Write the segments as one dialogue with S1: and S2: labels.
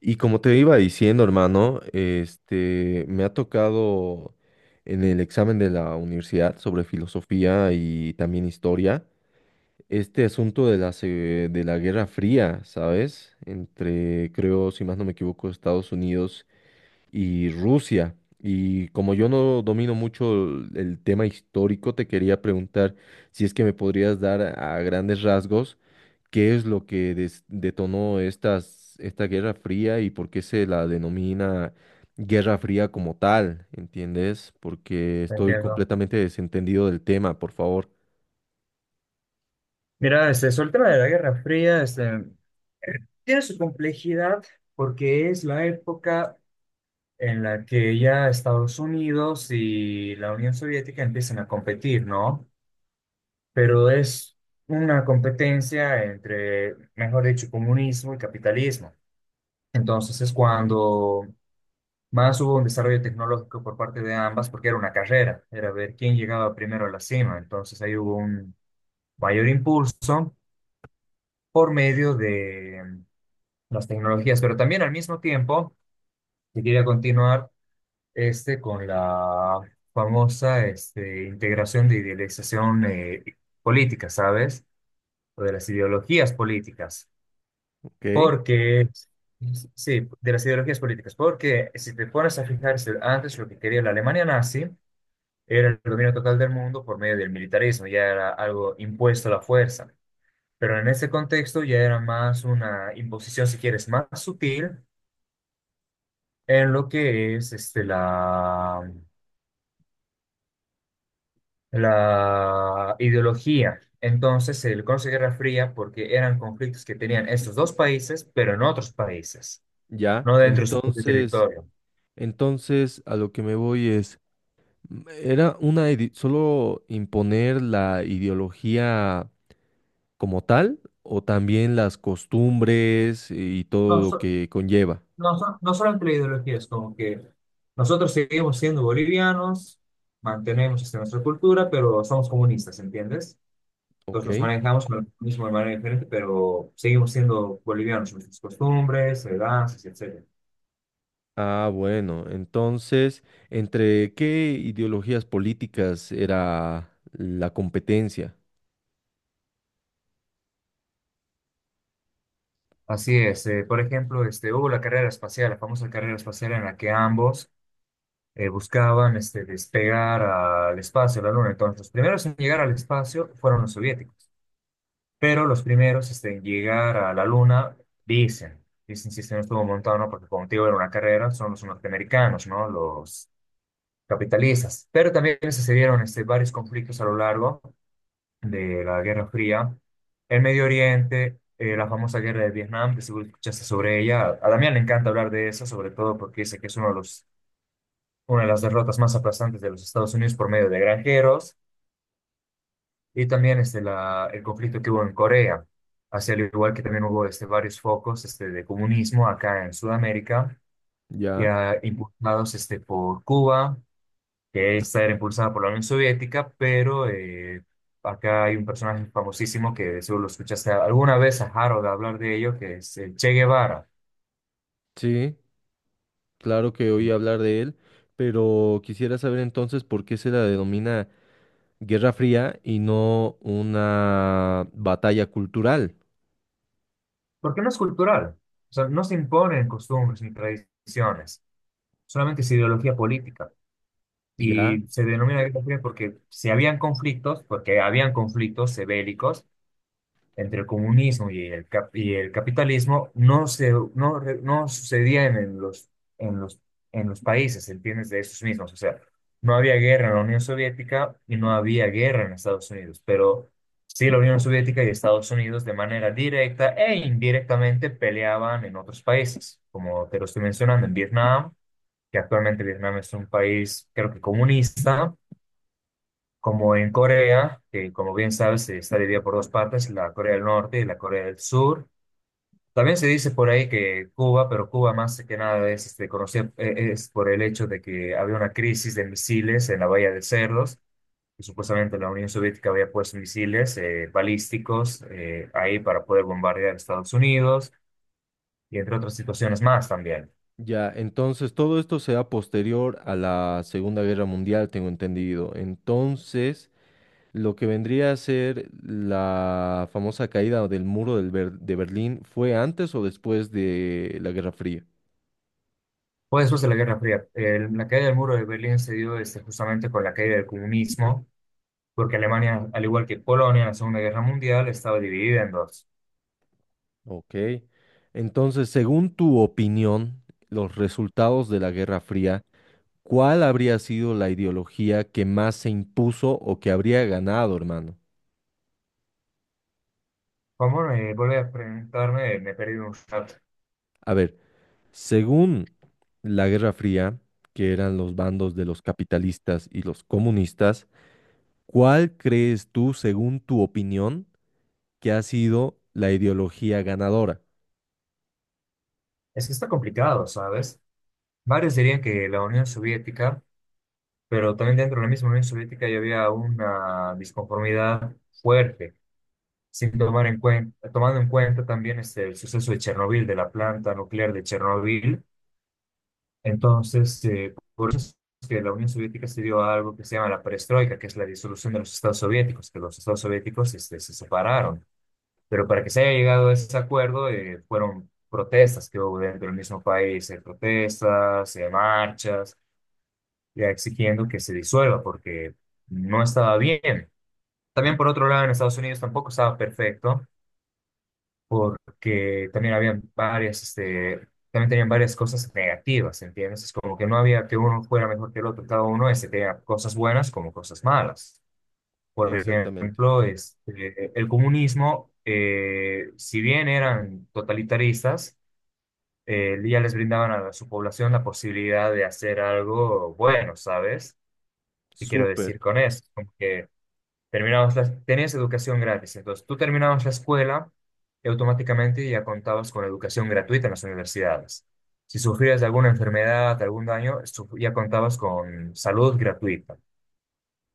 S1: Y como te iba diciendo, hermano, me ha tocado en el examen de la universidad sobre filosofía y también historia, este asunto de de la Guerra Fría, ¿sabes? Entre, creo, si más no me equivoco, Estados Unidos y Rusia. Y como yo no domino mucho el tema histórico, te quería preguntar si es que me podrías dar a grandes rasgos qué es lo que detonó esta Guerra Fría y por qué se la denomina Guerra Fría como tal, ¿entiendes? Porque estoy
S2: Entiendo.
S1: completamente desentendido del tema, por favor.
S2: Mira, sobre el tema de la Guerra Fría, tiene su complejidad porque es la época en la que ya Estados Unidos y la Unión Soviética empiezan a competir, ¿no? Pero es una competencia entre, mejor dicho, comunismo y capitalismo. Entonces es cuando más hubo un desarrollo tecnológico por parte de ambas porque era una carrera, era ver quién llegaba primero a la cima. Entonces ahí hubo un mayor impulso por medio de las tecnologías, pero también al mismo tiempo se quería continuar con la famosa integración de idealización política, ¿sabes? O de las ideologías políticas,
S1: ¿Ok?
S2: porque, sí, de las ideologías políticas, porque si te pones a fijarse, antes lo que quería la Alemania nazi era el dominio total del mundo por medio del militarismo, ya era algo impuesto a la fuerza. Pero en ese contexto ya era más una imposición, si quieres, más sutil, en lo que es la ideología. Entonces se le conoce Guerra Fría porque eran conflictos que tenían estos dos países, pero en otros países,
S1: Ya,
S2: no dentro de su propio
S1: entonces,
S2: territorio.
S1: entonces a lo que me voy es, ¿era una solo imponer la ideología como tal o también las costumbres y
S2: No,
S1: todo lo
S2: so-
S1: que conlleva?
S2: no solo entre ideologías, como que nosotros seguimos siendo bolivianos, mantenemos nuestra cultura, pero somos comunistas, ¿entiendes?
S1: ¿Ok?
S2: Entonces nos manejamos con el comunismo de manera diferente, pero seguimos siendo bolivianos, nuestras costumbres, danzas, etc.
S1: Ah, bueno, entonces, ¿entre qué ideologías políticas era la competencia?
S2: Así es, por ejemplo, hubo la carrera espacial, la famosa carrera espacial en la que ambos buscaban despegar al espacio, a la Luna. Entonces, los primeros en llegar al espacio fueron los soviéticos, pero los primeros en llegar a la Luna, dicen, dicen si se no estuvo montado, ¿no? Porque como te digo, era una carrera, son los norteamericanos, ¿no? Los capitalistas. Pero también se dieron varios conflictos a lo largo de la Guerra Fría, el Medio Oriente, la famosa guerra de Vietnam, que seguro escuchaste sobre ella. A Damián le encanta hablar de eso, sobre todo porque dice que es una de las derrotas más aplastantes de los Estados Unidos por medio de granjeros, y también el conflicto que hubo en Corea, hacia al igual que también hubo varios focos de comunismo acá en Sudamérica,
S1: Ya,
S2: ya impulsados por Cuba. Que esta era impulsada por la Unión Soviética, pero acá hay un personaje famosísimo que seguro lo escuchaste alguna vez a Harold hablar de ello, que es el Che Guevara,
S1: sí, claro que oí hablar de él, pero quisiera saber entonces por qué se la denomina Guerra Fría y no una batalla cultural.
S2: porque no es cultural, o sea, no se imponen costumbres ni tradiciones, solamente es ideología política.
S1: Ya,
S2: Y se denomina guerra fría porque si habían conflictos, porque habían conflictos bélicos, entre el comunismo y el capitalismo no, se, no, re- no sucedían en en los, los países, ¿entiendes? De esos mismos. O sea, no había guerra en la Unión Soviética y no había guerra en Estados Unidos, pero sí la Unión Soviética y Estados Unidos de manera directa e indirectamente peleaban en otros países, como te lo estoy mencionando, en Vietnam, que actualmente Vietnam es un país, creo que comunista como en Corea, que como bien sabes está dividida por dos partes, la Corea del Norte y la Corea del Sur. También se dice por ahí que Cuba, pero Cuba más que nada es conocida es por el hecho de que había una crisis de misiles en la Bahía de Cerdos, y supuestamente la Unión Soviética había puesto misiles balísticos ahí para poder bombardear Estados Unidos y entre otras situaciones más también.
S1: ya, entonces todo esto sea posterior a la Segunda Guerra Mundial, tengo entendido. Entonces... lo que vendría a ser la famosa caída del muro de Berlín fue antes o después de la Guerra Fría.
S2: Fue después de la Guerra Fría. La caída del muro de Berlín se dio justamente con la caída del comunismo porque Alemania, al igual que Polonia en la Segunda Guerra Mundial, estaba dividida en dos.
S1: Ok. Entonces, según tu opinión, los resultados de la Guerra Fría, ¿cuál habría sido la ideología que más se impuso o que habría ganado, hermano?
S2: ¿Cómo me vuelve a preguntarme? Me he perdido un rato.
S1: A ver, según la Guerra Fría, que eran los bandos de los capitalistas y los comunistas, ¿cuál crees tú, según tu opinión, que ha sido la ideología ganadora?
S2: Es que está complicado, ¿sabes? Varios dirían que la Unión Soviética, pero también dentro de la misma Unión Soviética ya había una disconformidad fuerte, sin tomar en cuenta, tomando en cuenta también el suceso de Chernobyl, de la planta nuclear de Chernobyl. Entonces, por eso es que la Unión Soviética se dio a algo que se llama la perestroika, que es la disolución de los Estados soviéticos, que los Estados soviéticos se separaron. Pero para que se haya llegado a ese acuerdo, fueron protestas que hubo dentro del mismo país, protestas, marchas, ya exigiendo que se disuelva porque no estaba bien. También, por otro lado, en Estados Unidos tampoco estaba perfecto porque también habían varias, también tenían varias cosas negativas, ¿entiendes? Es como que no había que uno fuera mejor que el otro, cada uno tenía cosas buenas como cosas malas. Por
S1: Exactamente.
S2: ejemplo, el comunismo, si bien eran totalitaristas, ya les brindaban a su población la posibilidad de hacer algo bueno, ¿sabes? ¿Qué quiero decir
S1: Súper,
S2: con eso? Como que terminabas tenías educación gratis, entonces tú terminabas la escuela y automáticamente ya contabas con educación gratuita en las universidades. Si sufrías de alguna enfermedad, algún daño, ya contabas con salud gratuita.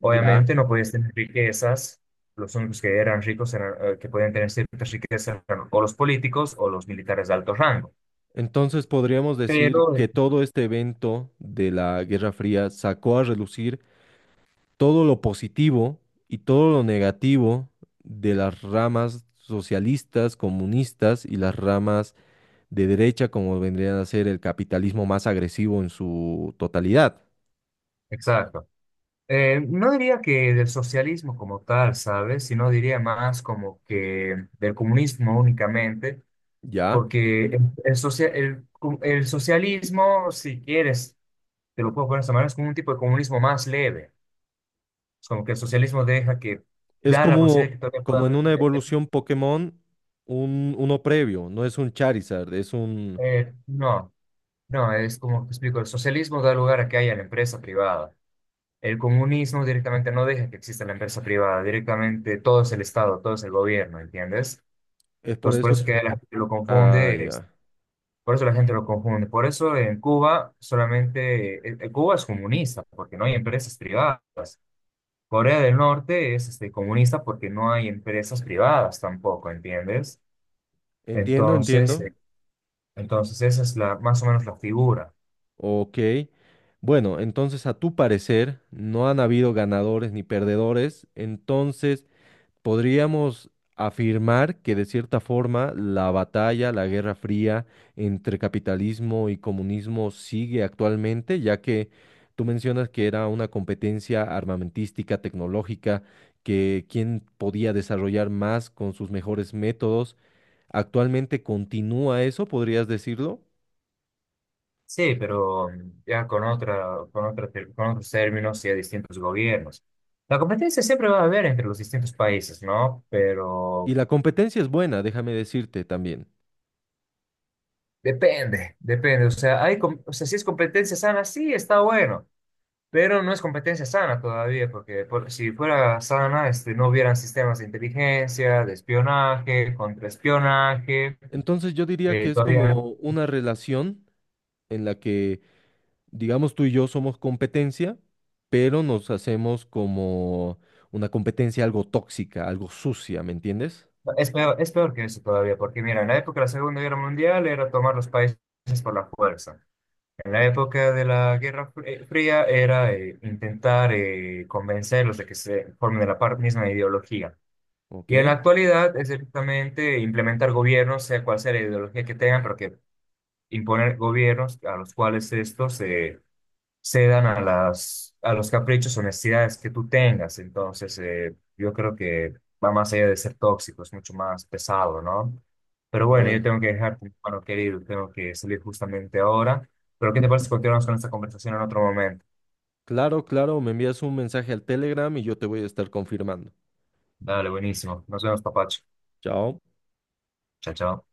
S1: ya.
S2: no podías tener riquezas, los únicos que eran ricos eran, que podían tener ciertas riquezas eran o los políticos o los militares de alto rango.
S1: Entonces podríamos decir
S2: Pero,
S1: que todo este evento de la Guerra Fría sacó a relucir todo lo positivo y todo lo negativo de las ramas socialistas, comunistas y las ramas de derecha, como vendrían a ser el capitalismo más agresivo en su totalidad,
S2: exacto. No diría que del socialismo como tal, ¿sabes? Sino diría más como que del comunismo únicamente.
S1: ¿ya?
S2: Porque el socialismo, si quieres, te lo puedo poner de esta manera, es como un tipo de comunismo más leve. Es como que el socialismo deja que
S1: Es
S2: da la posibilidad
S1: como,
S2: de que todavía pueda
S1: como en una evolución Pokémon, uno previo, no es un Charizard, es un...
S2: no, no, es como te explico, el socialismo da lugar a que haya la empresa privada. El comunismo directamente no deja que exista la empresa privada, directamente todo es el Estado, todo es el gobierno, ¿entiendes?
S1: Es por
S2: Entonces, por
S1: eso...
S2: eso que la gente lo
S1: Ah,
S2: confunde.
S1: ya.
S2: Por eso la gente lo confunde. Por eso en Cuba solamente, Cuba es comunista porque no hay empresas privadas. Corea del Norte es comunista porque no hay empresas privadas tampoco, ¿entiendes?
S1: Entiendo,
S2: Entonces,
S1: entiendo.
S2: entonces esa es la, más o menos la figura.
S1: Ok. Bueno, entonces a tu parecer no han habido ganadores ni perdedores, entonces podríamos afirmar que de cierta forma la batalla, la Guerra Fría entre capitalismo y comunismo sigue actualmente, ya que tú mencionas que era una competencia armamentística, tecnológica, que quién podía desarrollar más con sus mejores métodos. Actualmente continúa eso, podrías decirlo.
S2: Sí, pero ya con otra, con con otros términos y a distintos gobiernos. La competencia siempre va a haber entre los distintos países, ¿no?
S1: Y
S2: Pero
S1: la competencia es buena, déjame decirte también.
S2: depende, depende. O sea, o sea, si es competencia sana, sí, está bueno. Pero no es competencia sana todavía, si fuera sana, no hubieran sistemas de inteligencia, de espionaje, contraespionaje.
S1: Entonces yo diría que
S2: eh,
S1: es
S2: todavía
S1: como una relación en la que digamos tú y yo somos competencia, pero nos hacemos como una competencia algo tóxica, algo sucia, ¿me entiendes?
S2: es peor que eso todavía, porque mira, en la época de la Segunda Guerra Mundial era tomar los países por la fuerza. En la época de la Fría era intentar convencerlos de que se formen de la misma ideología.
S1: Ok,
S2: Y en la actualidad es directamente implementar gobiernos, sea cual sea la ideología que tengan, porque imponer gobiernos a los cuales estos se cedan a a los caprichos o necesidades que tú tengas. Entonces, yo creo que va más allá de ser tóxico, es mucho más pesado, ¿no? Pero bueno, yo
S1: bueno,
S2: tengo que dejarte, mi hermano querido, tengo que salir justamente ahora. Pero ¿qué te parece si continuamos con esta conversación en otro momento?
S1: claro, claro, me envías un mensaje al Telegram y yo te voy a estar confirmando.
S2: Dale, buenísimo. Nos vemos, papacho.
S1: Chao.
S2: Chao, chao.